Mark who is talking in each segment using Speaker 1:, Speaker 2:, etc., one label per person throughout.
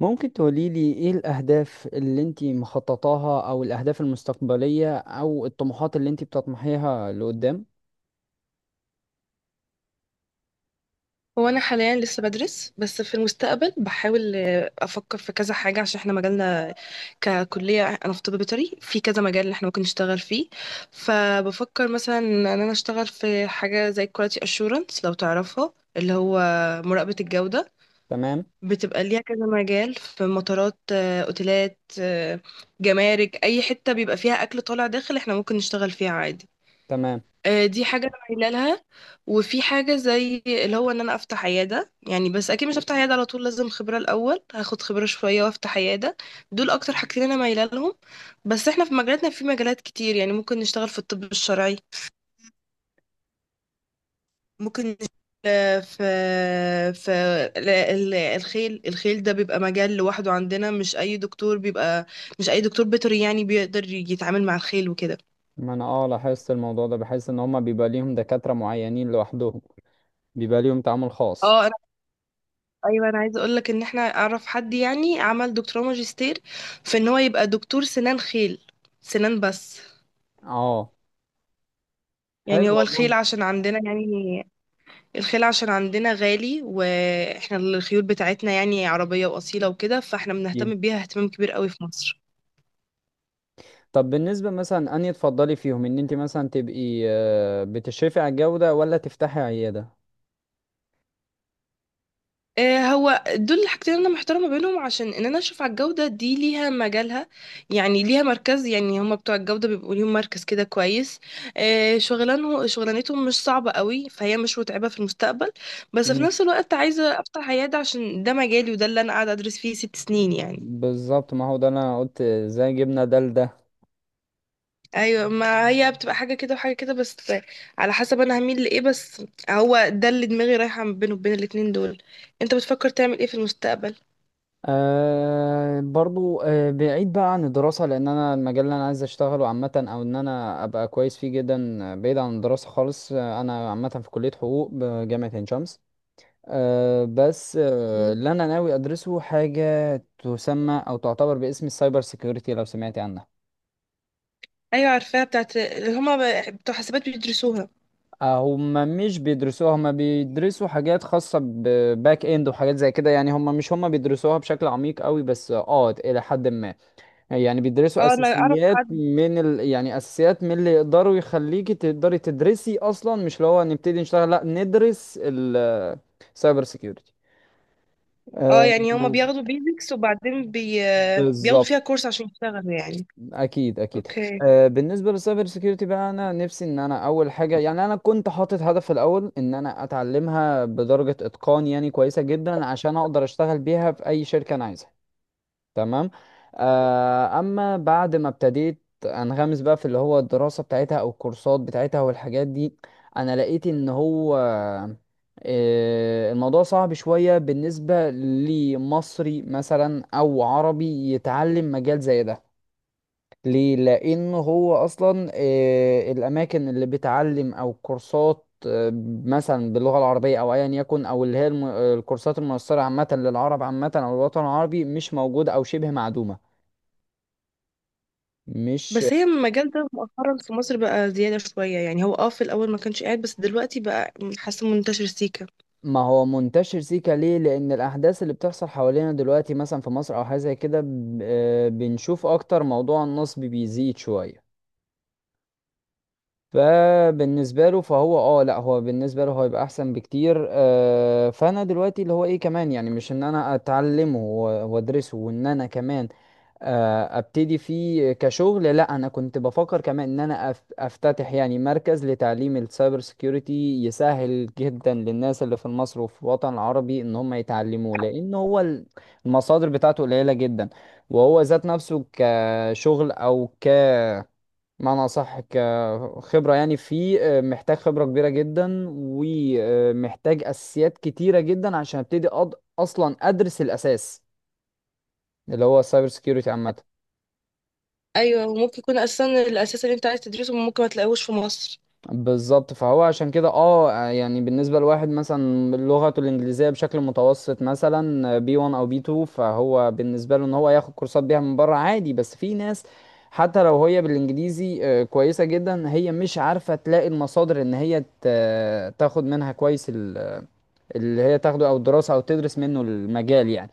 Speaker 1: ممكن تقوليلي ايه الأهداف اللي انتي مخططاها أو الأهداف المستقبلية أو الطموحات اللي انتي بتطمحيها لقدام؟
Speaker 2: هو انا حاليا لسه بدرس، بس في المستقبل بحاول افكر في كذا حاجه. عشان احنا مجالنا ككليه انا في طب بيطري، في كذا مجال اللي احنا ممكن نشتغل فيه. فبفكر مثلا ان انا اشتغل في حاجه زي كواليتي اشورنس، لو تعرفها، اللي هو مراقبه الجوده.
Speaker 1: تمام
Speaker 2: بتبقى ليها كذا مجال، في مطارات، اوتيلات، جمارك، اي حته بيبقى فيها اكل طالع داخل احنا ممكن نشتغل فيها عادي.
Speaker 1: تمام،
Speaker 2: دي حاجة أنا مايلة لها. وفي حاجة زي اللي هو إن أنا أفتح عيادة، يعني بس أكيد مش هفتح عيادة على طول، لازم خبرة الأول، هاخد خبرة شوية وأفتح عيادة. دول أكتر حاجتين أنا مايلة لهم. بس إحنا في مجالاتنا، في مجالات كتير، يعني ممكن نشتغل في الطب الشرعي، ممكن نشتغل في الخيل. الخيل ده بيبقى مجال لوحده عندنا، مش أي دكتور بيبقى، مش أي دكتور بيطري يعني بيقدر يتعامل مع الخيل وكده.
Speaker 1: ما أنا لاحظت الموضوع ده، بحس إن هما بيبقى ليهم دكاترة معينين لوحدهم، بيبقى ليهم تعامل خاص.
Speaker 2: اه، ايوه، انا عايزه اقول لك ان احنا اعرف حد يعني عمل دكتوراه ماجستير في ان هو يبقى دكتور سنان خيل، سنان بس.
Speaker 1: اه، حلو
Speaker 2: يعني هو
Speaker 1: والله.
Speaker 2: الخيل عشان عندنا، يعني الخيل عشان عندنا غالي، واحنا الخيول بتاعتنا يعني عربيه واصيله وكده، فاحنا
Speaker 1: جدا.
Speaker 2: بنهتم بيها اهتمام كبير قوي في مصر.
Speaker 1: طب بالنسبة مثلا أنهي تفضلي فيهم، إن انتي مثلا تبقي بتشرفي على الجودة ولا تفتحي عيادة؟
Speaker 2: هو دول الحاجتين اللي انا محترمه بينهم، عشان ان انا اشوف على الجوده دي ليها مجالها، يعني ليها مركز، يعني هما بتوع الجوده بيبقوا ليهم مركز كده كويس. شغلانتهم مش صعبه قوي، فهي مش متعبه في المستقبل. بس في
Speaker 1: مم.
Speaker 2: نفس الوقت عايزه افتح عياده، عشان ده مجالي، وده اللي انا قاعده ادرس فيه 6 سنين يعني.
Speaker 1: بالظبط، ما هو ده اللي أنا قلت زي جبنا ده لده.
Speaker 2: ايوه، ما هي بتبقى حاجه كده وحاجه كده، بس على حسب انا هميل لايه. بس هو ده اللي دماغي رايحه بينه، وبين الاتنين دول. انت بتفكر تعمل ايه في المستقبل؟
Speaker 1: أه، برضو، بعيد بقى عن الدراسة، لأن أنا المجال اللي أنا عايز أشتغله عامة، أو إن أنا أبقى كويس فيه جدا، بعيد عن الدراسة خالص. أنا عامة في كلية حقوق بجامعة عين شمس. أه بس اللي أنا ناوي أدرسه حاجة تسمى أو تعتبر باسم السايبر سيكيورتي، لو سمعت عنها.
Speaker 2: ايوه عارفاها، بتاعت اللي هما بتوع حسابات بيدرسوها.
Speaker 1: هما مش بيدرسوها هما بيدرسوا حاجات خاصة بباك اند وحاجات زي كده، يعني هما مش هما بيدرسوها بشكل عميق قوي، بس اه إلى حد ما. يعني بيدرسوا
Speaker 2: اه انا اعرف
Speaker 1: اساسيات
Speaker 2: حد.
Speaker 1: من يعني اساسيات من اللي يقدروا يخليكي تقدري تدرسي اصلا، مش اللي هو نبتدي نشتغل، لا ندرس السايبر سيكيورتي.
Speaker 2: اه
Speaker 1: آه،
Speaker 2: يعني هما بياخدوا بيزكس وبعدين بياخدوا فيها
Speaker 1: بالظبط.
Speaker 2: كورس عشان يشتغلوا يعني.
Speaker 1: اكيد.
Speaker 2: اوكي.
Speaker 1: بالنسبه للسايبر سيكيورتي بقى، انا نفسي ان انا اول حاجه، يعني انا كنت حاطط هدف في الاول ان انا اتعلمها بدرجه اتقان يعني كويسه جدا، عشان اقدر اشتغل بيها في اي شركه انا عايزها. تمام. اما بعد ما ابتديت انغمس بقى في اللي هو الدراسة بتاعتها او الكورسات بتاعتها والحاجات دي، انا لقيت ان هو الموضوع صعب شوية بالنسبة لمصري مثلا او عربي يتعلم مجال زي ده. ليه؟ لان هو اصلا الاماكن اللي بتعلم او كورسات، مثلا باللغة العربية او ايا يكن، او اللي هي الكورسات الميسرة عامة للعرب، عامة او الوطن العربي، مش موجودة او شبه معدومة. مش...
Speaker 2: بس هي المجال ده مؤخرا في مصر بقى زيادة شوية، يعني هو اه في الأول ما كانش قاعد، بس دلوقتي بقى حاسة منتشر سيكا.
Speaker 1: ما هو منتشر سيكا. ليه؟ لان الاحداث اللي بتحصل حوالينا دلوقتي مثلا في مصر او حاجه زي كده، بنشوف اكتر موضوع النصب بيزيد شويه. فبالنسبه له، فهو اه، لا، هو بالنسبه له هو يبقى احسن بكتير. فانا دلوقتي اللي هو ايه كمان، يعني مش ان انا اتعلمه وادرسه، وان انا كمان ابتدي فيه كشغل، لا، انا كنت بفكر كمان ان انا افتتح يعني مركز لتعليم السايبر سيكيورتي، يسهل جدا للناس اللي في مصر وفي الوطن العربي ان هم يتعلموه، لان هو المصادر بتاعته قليلة جدا. وهو ذات نفسه كشغل او ك معنى صح، كخبرة، يعني فيه محتاج خبرة كبيرة جدا ومحتاج اساسيات كتيرة جدا عشان ابتدي اصلا ادرس الاساس اللي هو السايبر سيكيورتي عامة.
Speaker 2: أيوة، وممكن يكون أساسا الأساس اللي أنت عايز تدرسه ممكن ما تلاقوش في مصر.
Speaker 1: بالظبط، فهو عشان كده اه، يعني بالنسبة لواحد مثلا لغته الإنجليزية بشكل متوسط، مثلا بي 1 أو بي 2، فهو بالنسبة له إن هو ياخد كورسات بيها من بره عادي، بس في ناس حتى لو هي بالإنجليزي كويسة جدا، هي مش عارفة تلاقي المصادر إن هي تاخد منها كويس اللي هي تاخده، أو الدراسة أو تدرس منه المجال يعني.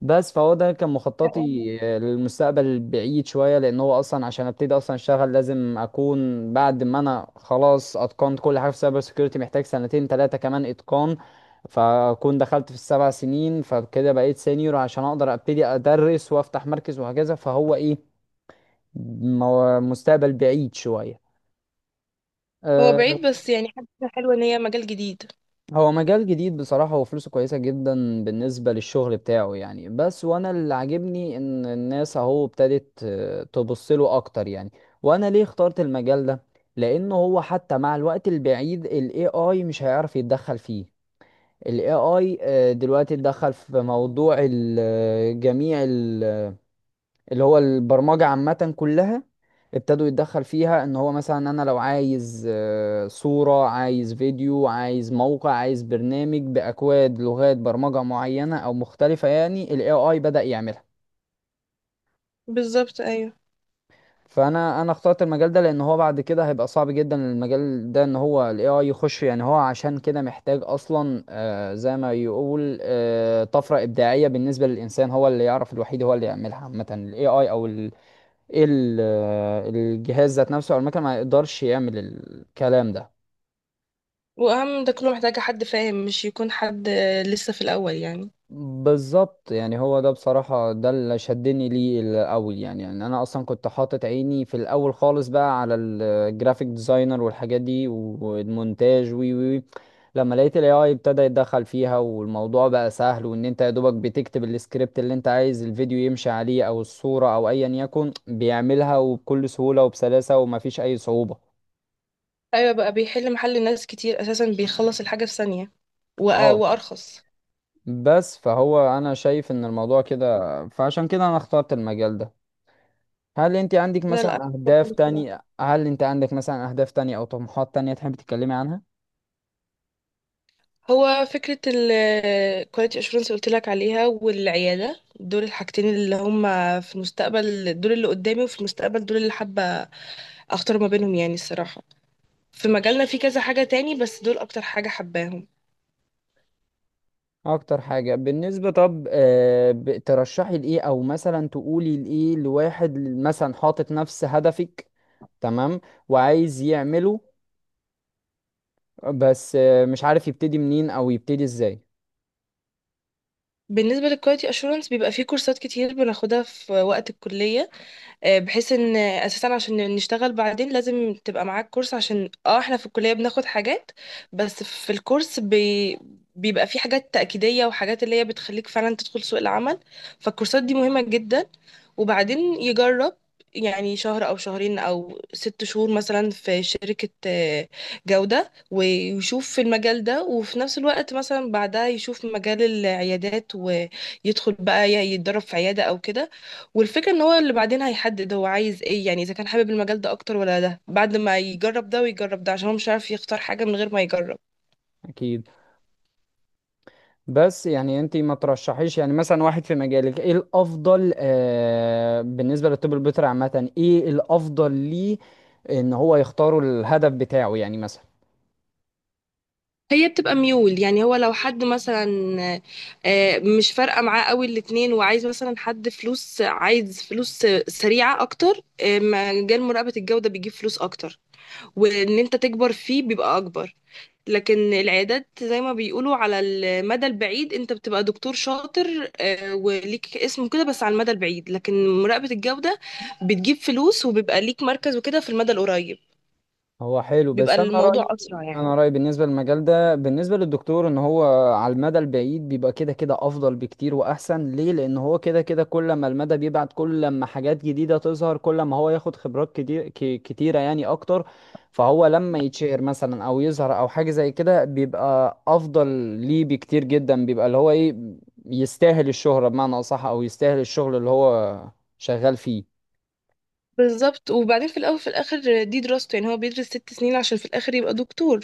Speaker 1: بس فهو ده كان مخططي للمستقبل البعيد شوية، لأن هو أصلا عشان أبتدي أصلا أشتغل، لازم أكون بعد ما أنا خلاص أتقنت كل حاجة في سايبر سيكيورتي، محتاج 2 3 كمان إتقان، فأكون دخلت في ال 7 سنين، فكده بقيت سينيور عشان أقدر أبتدي أدرس وأفتح مركز وهكذا. فهو إيه، مستقبل بعيد شوية.
Speaker 2: هو
Speaker 1: آه،
Speaker 2: بعيد، بس يعني حاجة حلوة إن هي مجال جديد.
Speaker 1: هو مجال جديد بصراحة، وفلوسه كويسة جدا بالنسبة للشغل بتاعه يعني. بس وانا اللي عاجبني ان الناس اهو ابتدت تبص له اكتر يعني. وانا ليه اخترت المجال ده؟ لانه هو حتى مع الوقت البعيد، ال AI مش هيعرف يتدخل فيه. ال AI دلوقتي اتدخل في موضوع جميع ال اللي هو البرمجة عامة كلها ابتدوا يتدخل فيها، ان هو مثلا انا لو عايز صورة، عايز فيديو، عايز موقع، عايز برنامج باكواد، لغات برمجة معينة او مختلفة، يعني ال AI بدأ يعملها.
Speaker 2: بالظبط، أيوة.
Speaker 1: فانا اخترت المجال ده لان هو بعد كده هيبقى صعب جدا المجال ده ان هو ال AI يخش، يعني هو عشان كده محتاج اصلا زي ما يقول طفرة ابداعية بالنسبة للانسان، هو اللي يعرف الوحيد هو اللي يعملها عامة ال AI، او ال- الجهاز ذات نفسه، او المكنه ما يقدرش يعمل الكلام ده.
Speaker 2: وأهم ده كله محتاجة حد فاهم، مش يكون حد لسه في الأول يعني.
Speaker 1: بالظبط، يعني هو ده بصراحه ده اللي شدني ليه الاول يعني. يعني انا اصلا كنت حاطط عيني في الاول خالص بقى على الجرافيك ديزاينر والحاجات دي والمونتاج وي وي لما لقيت الاي اي ابتدى يتدخل فيها، والموضوع بقى سهل، وان انت يا دوبك بتكتب السكريبت اللي انت عايز الفيديو يمشي عليه او الصوره او ايا يكن، بيعملها وبكل سهوله وبسلاسه ومفيش اي صعوبه.
Speaker 2: ايوه بقى بيحل محل ناس كتير اساسا، بيخلص الحاجه في ثانيه
Speaker 1: اه.
Speaker 2: وارخص.
Speaker 1: بس فهو انا شايف ان الموضوع كده، فعشان كده انا اخترت المجال ده. هل انت عندك
Speaker 2: لا
Speaker 1: مثلا
Speaker 2: لا،
Speaker 1: اهداف تانية؟ او طموحات تانية تحب تتكلمي عنها؟
Speaker 2: هو فكره الكواليتي اشورنس اللي قلت لك عليها، والعياده، دول الحاجتين اللي هم في المستقبل، دول اللي قدامي وفي المستقبل، دول اللي حابه اختار ما بينهم يعني الصراحه. في مجالنا في كذا حاجه تاني، بس دول اكتر حاجه حباهم.
Speaker 1: اكتر حاجة بالنسبة، طب ترشحي لايه، او مثلا تقولي لايه لواحد مثلا حاطط نفس هدفك. تمام. وعايز يعمله، بس مش عارف يبتدي منين او يبتدي ازاي.
Speaker 2: بالنسبه للكواليتي اشورنس، بيبقى في كورسات كتير بناخدها في وقت الكليه، بحيث ان اساسا عشان نشتغل بعدين لازم تبقى معاك كورس. عشان اه احنا في الكلية بناخد حاجات، بس في الكورس بيبقى في حاجات تأكيدية، وحاجات اللي هي بتخليك فعلا تدخل سوق العمل. فالكورسات دي مهمة جدا. وبعدين يجرب، يعني شهر او شهرين او 6 شهور مثلا في شركة جودة، ويشوف في المجال ده، وفي نفس الوقت مثلا بعدها يشوف مجال العيادات، ويدخل بقى يتدرب في عيادة او كده. والفكرة ان هو اللي بعدين هيحدد هو عايز ايه، يعني اذا كان حابب المجال ده اكتر ولا ده، بعد ما يجرب ده ويجرب ده، عشان هو مش عارف يختار حاجة من غير ما يجرب.
Speaker 1: اكيد. بس يعني انت ما ترشحيش يعني مثلا واحد في مجالك؟ ايه الافضل، آه، بالنسبه للطب البيطري عامه، ايه الافضل ليه ان هو يختاروا الهدف بتاعه يعني مثلا؟
Speaker 2: هي بتبقى ميول، يعني هو لو حد مثلا مش فارقة معاه قوي الاتنين، وعايز مثلا حد فلوس، عايز فلوس سريعة اكتر، مجال مراقبة الجودة بيجيب فلوس اكتر، وان انت تكبر فيه بيبقى اكبر. لكن العيادات زي ما بيقولوا على المدى البعيد انت بتبقى دكتور شاطر، وليك اسم كده، بس على المدى البعيد. لكن مراقبة الجودة بتجيب فلوس، وبيبقى ليك مركز وكده في المدى القريب،
Speaker 1: هو حلو،
Speaker 2: بيبقى
Speaker 1: بس انا
Speaker 2: الموضوع
Speaker 1: رايي.
Speaker 2: أسرع يعني.
Speaker 1: انا رايي بالنسبه للمجال ده، بالنسبه للدكتور، ان هو على المدى البعيد بيبقى كده كده افضل بكتير واحسن. ليه؟ لان هو كده كده كل ما المدى بيبعد، كل ما حاجات جديده تظهر، كل ما هو ياخد خبرات كتيره يعني اكتر. فهو لما يتشهر مثلا او يظهر او حاجه زي كده، بيبقى افضل ليه بكتير جدا. بيبقى اللي هو ايه، يستاهل الشهره بمعنى اصح، او يستاهل الشغل اللي هو شغال فيه.
Speaker 2: بالظبط. وبعدين في الأول في الآخر دي دراسته، يعني هو بيدرس 6 سنين عشان في الآخر يبقى دكتور.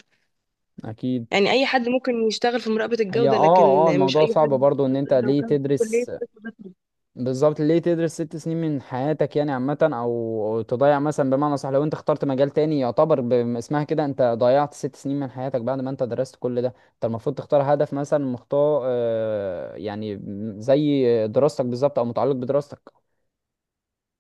Speaker 1: اكيد.
Speaker 2: يعني أي حد ممكن يشتغل في مراقبة
Speaker 1: هي
Speaker 2: الجودة، لكن
Speaker 1: اه
Speaker 2: مش
Speaker 1: الموضوع
Speaker 2: أي
Speaker 1: صعب
Speaker 2: حد
Speaker 1: برضو ان انت
Speaker 2: لو
Speaker 1: ليه
Speaker 2: كان في كلية
Speaker 1: تدرس؟
Speaker 2: طب بس.
Speaker 1: بالظبط، ليه تدرس 6 سنين من حياتك يعني عامة، أو تضيع مثلا بمعنى صح. لو أنت اخترت مجال تاني يعتبر باسمها كده، أنت ضيعت 6 سنين من حياتك بعد ما أنت درست كل ده. أنت المفروض تختار هدف مثلا مختار يعني زي دراستك بالظبط أو متعلق بدراستك.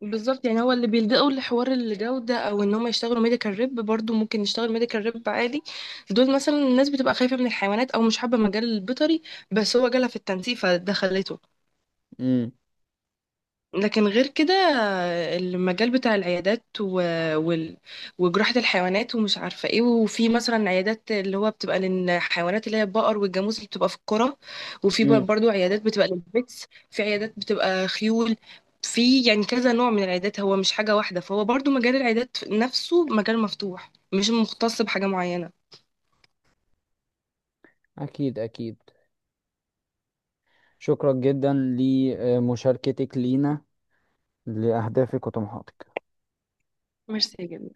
Speaker 2: بالظبط. يعني هو اللي بيلجأوا لحوار الجودة، أو إن هم يشتغلوا ميديكال ريب، برضو ممكن يشتغل ميديكال ريب عادي. دول مثلا الناس بتبقى خايفة من الحيوانات، أو مش حابة مجال البيطري، بس هو جالها في التنسيق فده خلته.
Speaker 1: امم.
Speaker 2: لكن غير كده، المجال بتاع وال... وجراحة الحيوانات ومش عارفة ايه. وفي مثلا عيادات اللي هو بتبقى للحيوانات اللي هي البقر والجاموس اللي بتبقى في القرى، وفي
Speaker 1: مم.
Speaker 2: برضو عيادات بتبقى للبيتس، في عيادات بتبقى خيول. في يعني كذا نوع من العيادات، هو مش حاجة واحدة، فهو برضو مجال العيادات نفسه مجال مفتوح، مش مختص بحاجة معينة.
Speaker 1: أكيد. شكرا جدا لمشاركتك لينا، لأهدافك وطموحاتك.
Speaker 2: ميرسي يا جميل.